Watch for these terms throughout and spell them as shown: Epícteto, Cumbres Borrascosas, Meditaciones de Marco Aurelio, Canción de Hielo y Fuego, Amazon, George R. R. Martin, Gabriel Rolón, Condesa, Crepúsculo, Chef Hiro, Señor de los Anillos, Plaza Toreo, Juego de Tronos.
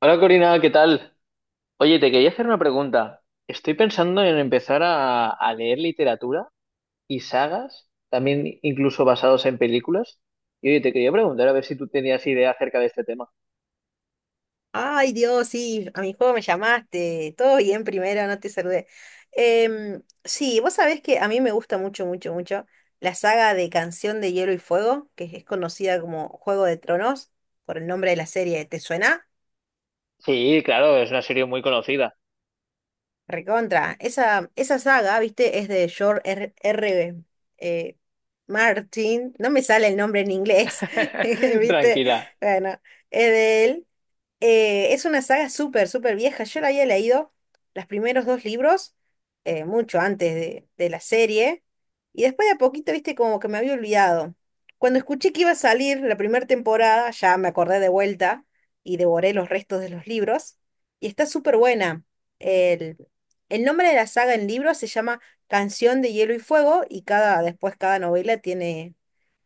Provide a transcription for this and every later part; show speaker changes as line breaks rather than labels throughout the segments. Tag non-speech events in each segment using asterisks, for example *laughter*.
Hola Corina, ¿qué tal? Oye, te quería hacer una pregunta. Estoy pensando en empezar a leer literatura y sagas, también incluso basados en películas. Y oye, te quería preguntar a ver si tú tenías idea acerca de este tema.
Ay, Dios, sí, a mi juego me llamaste. Todo bien primero, no te saludé. Sí, vos sabés que a mí me gusta mucho, mucho, mucho la saga de Canción de Hielo y Fuego, que es conocida como Juego de Tronos, por el nombre de la serie. ¿Te suena?
Sí, claro, es una serie muy conocida.
Recontra. Esa saga, viste, es de George R. R. eh, Martin. No me sale el nombre en inglés, *laughs*
*laughs*
viste.
Tranquila.
Bueno, es de él. Es una saga súper, súper vieja. Yo la había leído los primeros dos libros, mucho antes de la serie, y después de a poquito, viste, como que me había olvidado. Cuando escuché que iba a salir la primera temporada, ya me acordé de vuelta y devoré los restos de los libros, y está súper buena. El, el nombre de la saga en libros se llama Canción de Hielo y Fuego, y cada, después cada novela tiene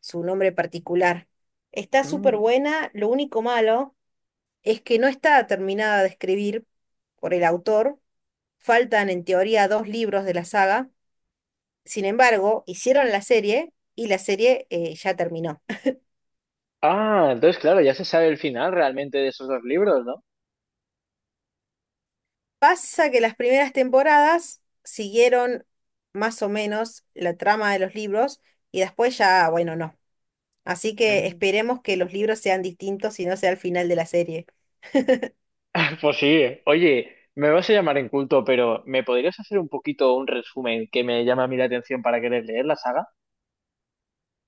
su nombre particular. Está súper
Mm.
buena, lo único malo es que no está terminada de escribir por el autor. Faltan en teoría dos libros de la saga. Sin embargo, hicieron la serie y la serie ya terminó. *laughs*
Ah, entonces claro, ya se sabe el final realmente de esos dos libros, ¿no?
Pasa que las primeras temporadas siguieron más o menos la trama de los libros y después ya, bueno, no. Así que
Mm.
esperemos que los libros sean distintos y no sea el final de la serie.
Pues sí, oye, me vas a llamar inculto, pero ¿me podrías hacer un poquito un resumen que me llama a mí la atención para querer leer la saga?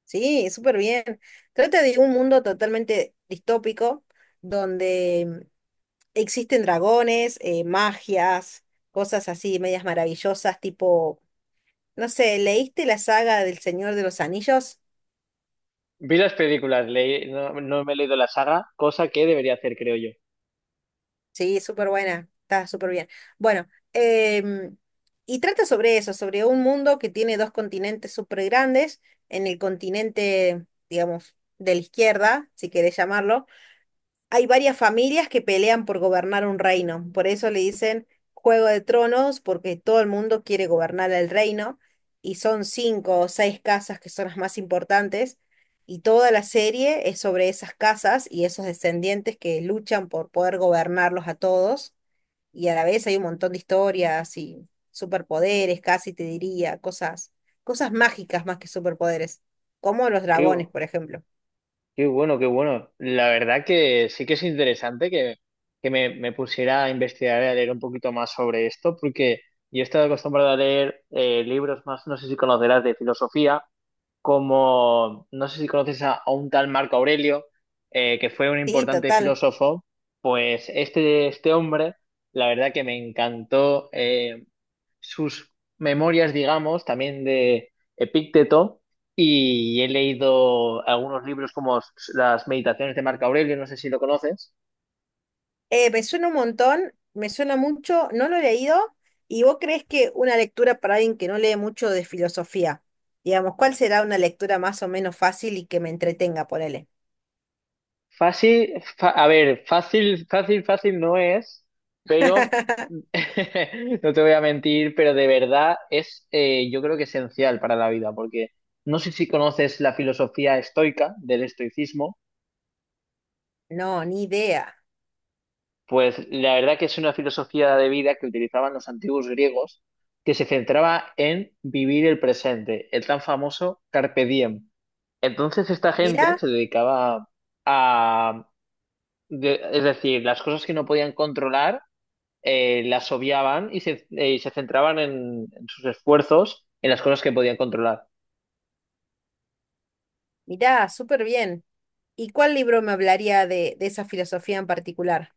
Sí, súper bien. Trata de un mundo totalmente distópico donde existen dragones, magias, cosas así, medias maravillosas, tipo, no sé, ¿leíste la saga del Señor de los Anillos?
Vi las películas, no, no me he leído la saga, cosa que debería hacer, creo yo.
Sí, súper buena, está súper bien. Bueno, em, y trata sobre eso, sobre un mundo que tiene dos continentes súper grandes, en el continente, digamos, de la izquierda, si querés llamarlo, hay varias familias que pelean por gobernar un reino, por eso le dicen Juego de Tronos, porque todo el mundo quiere gobernar el reino, y son cinco o seis casas que son las más importantes, y toda la serie es sobre esas casas y esos descendientes que luchan por poder gobernarlos a todos, y a la vez hay un montón de historias y superpoderes, casi te diría, cosas, cosas mágicas más que superpoderes, como los
Qué,
dragones,
bu-
por ejemplo.
Qué bueno, qué bueno. La verdad que sí que es interesante que me pusiera a investigar y a leer un poquito más sobre esto, porque yo he estado acostumbrado a leer libros más, no sé si conocerás, de filosofía, como, no sé si conoces a un tal Marco Aurelio, que fue un
Sí,
importante
total.
filósofo. Pues este hombre... la verdad que me encantó. Sus memorias, digamos, también de Epícteto. Y he leído algunos libros como las Meditaciones de Marco Aurelio, no sé si lo conoces.
Me suena un montón, me suena mucho, no lo he leído. ¿Y vos crees que una lectura para alguien que no lee mucho de filosofía, digamos, cuál será una lectura más o menos fácil y que me entretenga, ponele?
Fácil, a ver, fácil, fácil, fácil no es, pero
*laughs*
*laughs* no te voy a mentir, pero de verdad yo creo, que esencial para la vida, porque no sé si conoces la filosofía estoica del estoicismo.
No, ni idea.
Pues la verdad que es una filosofía de vida que utilizaban los antiguos griegos, que se centraba en vivir el presente, el tan famoso carpe diem. Entonces esta
Mirá,
gente se dedicaba a, es decir, las cosas que no podían controlar, las obviaban y se centraban en sus esfuerzos en las cosas que podían controlar.
mirá, súper bien. ¿Y cuál libro me hablaría de esa filosofía en particular?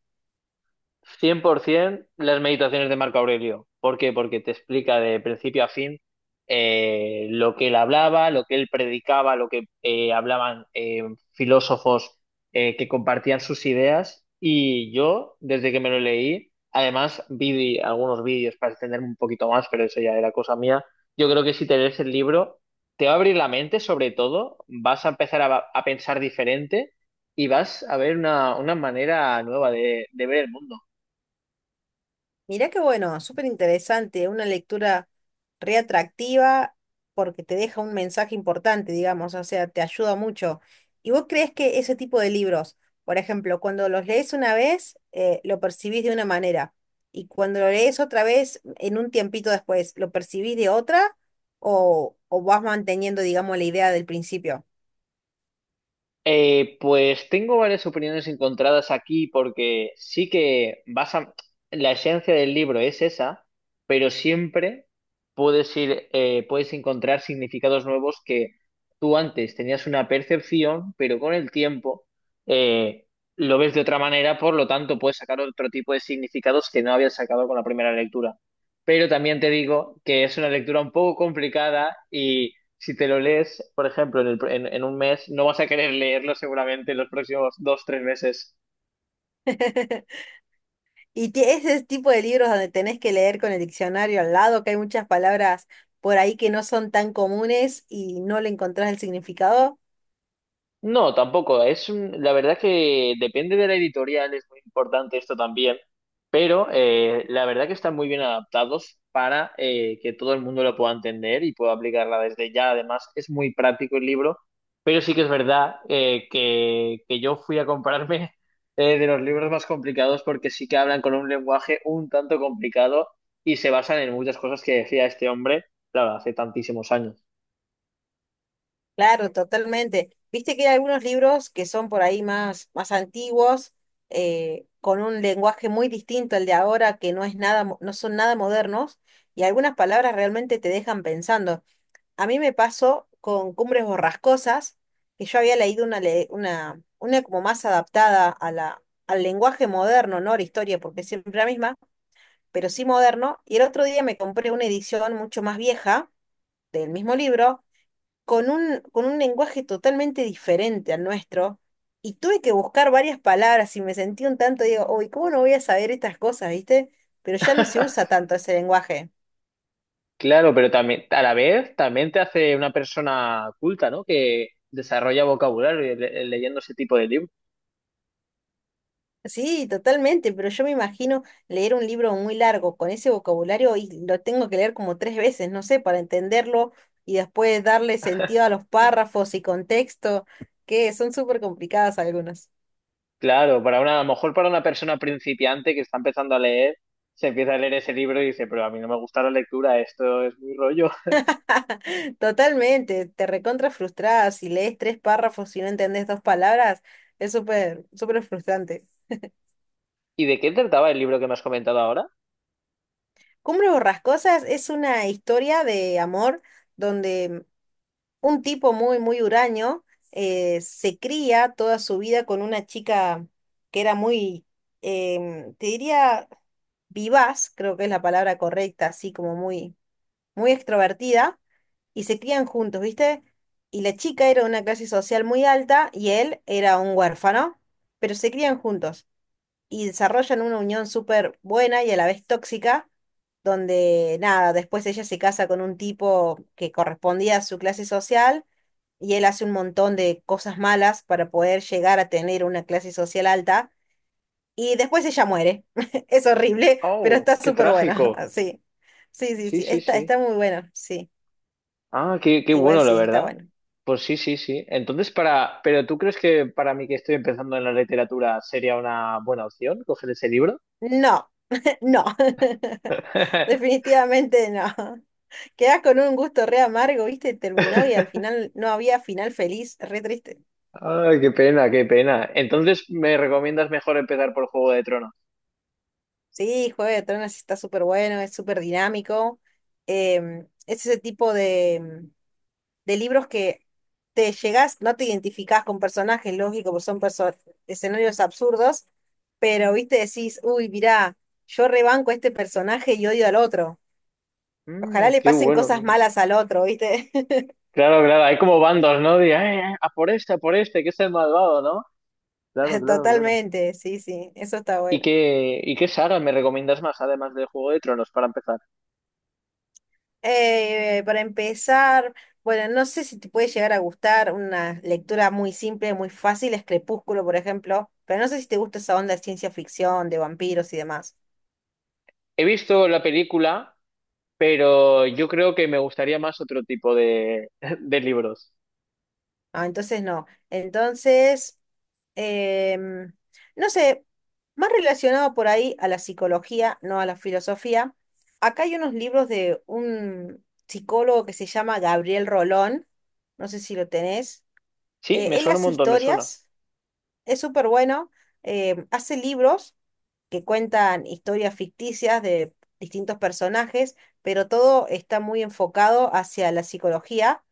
100% las meditaciones de Marco Aurelio. ¿Por qué? Porque te explica de principio a fin lo que él hablaba, lo que él predicaba, lo que hablaban filósofos que compartían sus ideas. Y yo, desde que me lo leí, además vi algunos vídeos para extenderme un poquito más, pero eso ya era cosa mía. Yo creo que si te lees el libro, te va a abrir la mente, sobre todo, vas a empezar a pensar diferente y vas a ver una manera nueva de ver el mundo.
Mirá qué bueno, súper interesante, una lectura reatractiva porque te deja un mensaje importante, digamos, o sea, te ayuda mucho. ¿Y vos crees que ese tipo de libros, por ejemplo, cuando los lees una vez, lo percibís de una manera, y cuando lo lees otra vez, en un tiempito después, lo percibís de otra, o vas manteniendo, digamos, la idea del principio?
Pues tengo varias opiniones encontradas aquí porque sí que vas a... la esencia del libro es esa, pero siempre puedes ir, puedes encontrar significados nuevos que tú antes tenías una percepción, pero con el tiempo eh, lo ves de otra manera, por lo tanto puedes sacar otro tipo de significados que no habías sacado con la primera lectura. Pero también te digo que es una lectura un poco complicada si te lo lees, por ejemplo, en un mes, no vas a querer leerlo seguramente en los próximos dos, tres meses.
*laughs* Y ese tipo de libros donde tenés que leer con el diccionario al lado, que hay muchas palabras por ahí que no son tan comunes y no le encontrás el significado.
No, tampoco. La verdad que depende de la editorial, es muy importante esto también, pero la verdad que están muy bien adaptados para que todo el mundo lo pueda entender y pueda aplicarla desde ya. Además, es muy práctico el libro, pero sí que es verdad que yo fui a comprarme *laughs* de los libros más complicados porque sí que hablan con un lenguaje un tanto complicado y se basan en muchas cosas que decía este hombre, claro, hace tantísimos años.
Claro, totalmente. Viste que hay algunos libros que son por ahí más, más antiguos, con un lenguaje muy distinto al de ahora, que no es nada, no son nada modernos, y algunas palabras realmente te dejan pensando. A mí me pasó con Cumbres Borrascosas, que yo había leído una, una como más adaptada a al lenguaje moderno, no a la historia, porque es siempre la misma, pero sí moderno. Y el otro día me compré una edición mucho más vieja del mismo libro, con con un lenguaje totalmente diferente al nuestro. Y tuve que buscar varias palabras y me sentí un tanto, digo, uy, ¿cómo no voy a saber estas cosas, viste? Pero ya no se usa tanto ese lenguaje.
Claro, pero también, a la vez, también te hace una persona culta, ¿no? Que desarrolla vocabulario y leyendo ese tipo de libros.
Sí, totalmente, pero yo me imagino leer un libro muy largo con ese vocabulario y lo tengo que leer como tres veces, no sé, para entenderlo y después darle sentido a los párrafos y contexto, que son súper complicadas algunas.
Claro, para una, a lo mejor para una persona principiante que está empezando a leer, se empieza a leer ese libro y dice, pero a mí no me gusta la lectura, esto es muy rollo. *laughs*
*laughs* Totalmente, te recontra frustrada si lees tres párrafos y no entendés dos palabras, es súper, súper frustrante.
¿Y de qué trataba el libro que me has comentado ahora?
Cumbres Borrascosas es una historia de amor donde un tipo muy, muy huraño, se cría toda su vida con una chica que era muy, te diría, vivaz, creo que es la palabra correcta, así como muy, muy extrovertida, y se crían juntos, ¿viste? Y la chica era de una clase social muy alta y él era un huérfano, pero se crían juntos y desarrollan una unión súper buena y a la vez tóxica donde nada, después ella se casa con un tipo que correspondía a su clase social y él hace un montón de cosas malas para poder llegar a tener una clase social alta y después ella muere. *laughs* Es horrible, pero
Oh,
está
qué
súper buena.
trágico.
*laughs* Sí, sí, sí,
Sí,
sí,
sí,
está,
sí.
está muy bueno, sí,
Ah, qué
igual
bueno, la
sí, está
verdad.
bueno.
Pues sí, sí, sí. Entonces, para, pero ¿tú crees que para mí que estoy empezando en la literatura sería una buena opción coger ese libro?
No, *laughs* no, *laughs*
*laughs*
definitivamente no. Quedás con un gusto re amargo, ¿viste? Terminó y al final no había final feliz, re triste.
Ay, qué pena, qué pena. Entonces, ¿me recomiendas mejor empezar por Juego de Tronos?
Sí, Juego de Tronos está súper bueno, es súper dinámico. Es ese tipo de libros que te llegás, no te identificás con personajes, lógico, porque son escenarios absurdos, pero viste, decís, uy, mirá, yo rebanco a este personaje y odio al otro. Ojalá
Mm,
le
qué
pasen
bueno, qué
cosas
bueno.
malas al otro, ¿viste?
Claro, claro, hay como bandos, ¿no? De, a por este, que es el malvado, ¿no?" Claro,
*laughs*
claro, claro.
Totalmente, sí, sí, eso está
¿Y
bueno.
qué saga me recomiendas más, además de Juego de Tronos, para empezar?
Para empezar, bueno, no sé si te puede llegar a gustar una lectura muy simple, muy fácil, es Crepúsculo, por ejemplo, pero no sé si te gusta esa onda de ciencia ficción, de vampiros y demás.
He visto la película, pero yo creo que me gustaría más otro tipo *laughs* de libros.
Ah, entonces no. Entonces, em, no sé, más relacionado por ahí a la psicología, no a la filosofía. Acá hay unos libros de un psicólogo que se llama Gabriel Rolón, no sé si lo tenés.
Sí, me
Él
suena un
hace
montón, me suena.
historias, es súper bueno, hace libros que cuentan historias ficticias de distintos personajes, pero todo está muy enfocado hacia la psicología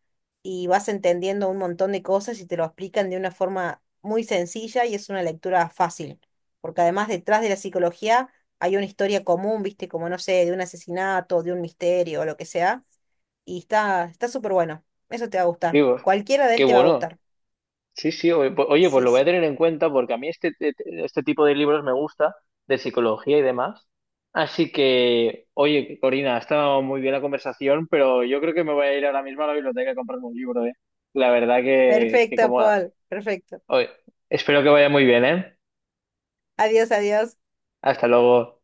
y vas entendiendo un montón de cosas y te lo explican de una forma muy sencilla y es una lectura fácil, porque además detrás de la psicología hay una historia común, viste, como no sé, de un asesinato, de un misterio o lo que sea, y está súper bueno. Eso te va a gustar.
Digo,
Cualquiera de él
qué
te va a
bueno.
gustar.
Sí, sí, oye, pues
Sí,
lo voy a
sí.
tener en cuenta porque a mí este tipo de libros me gusta, de psicología y demás. Así que, oye, Corina, ha estado muy bien la conversación, pero yo creo que me voy a ir ahora mismo a la biblioteca a comprarme un libro, ¿eh? La verdad que
Perfecto,
como...
Paul. Perfecto.
oye, espero que vaya muy bien, ¿eh?
Adiós, adiós.
Hasta luego.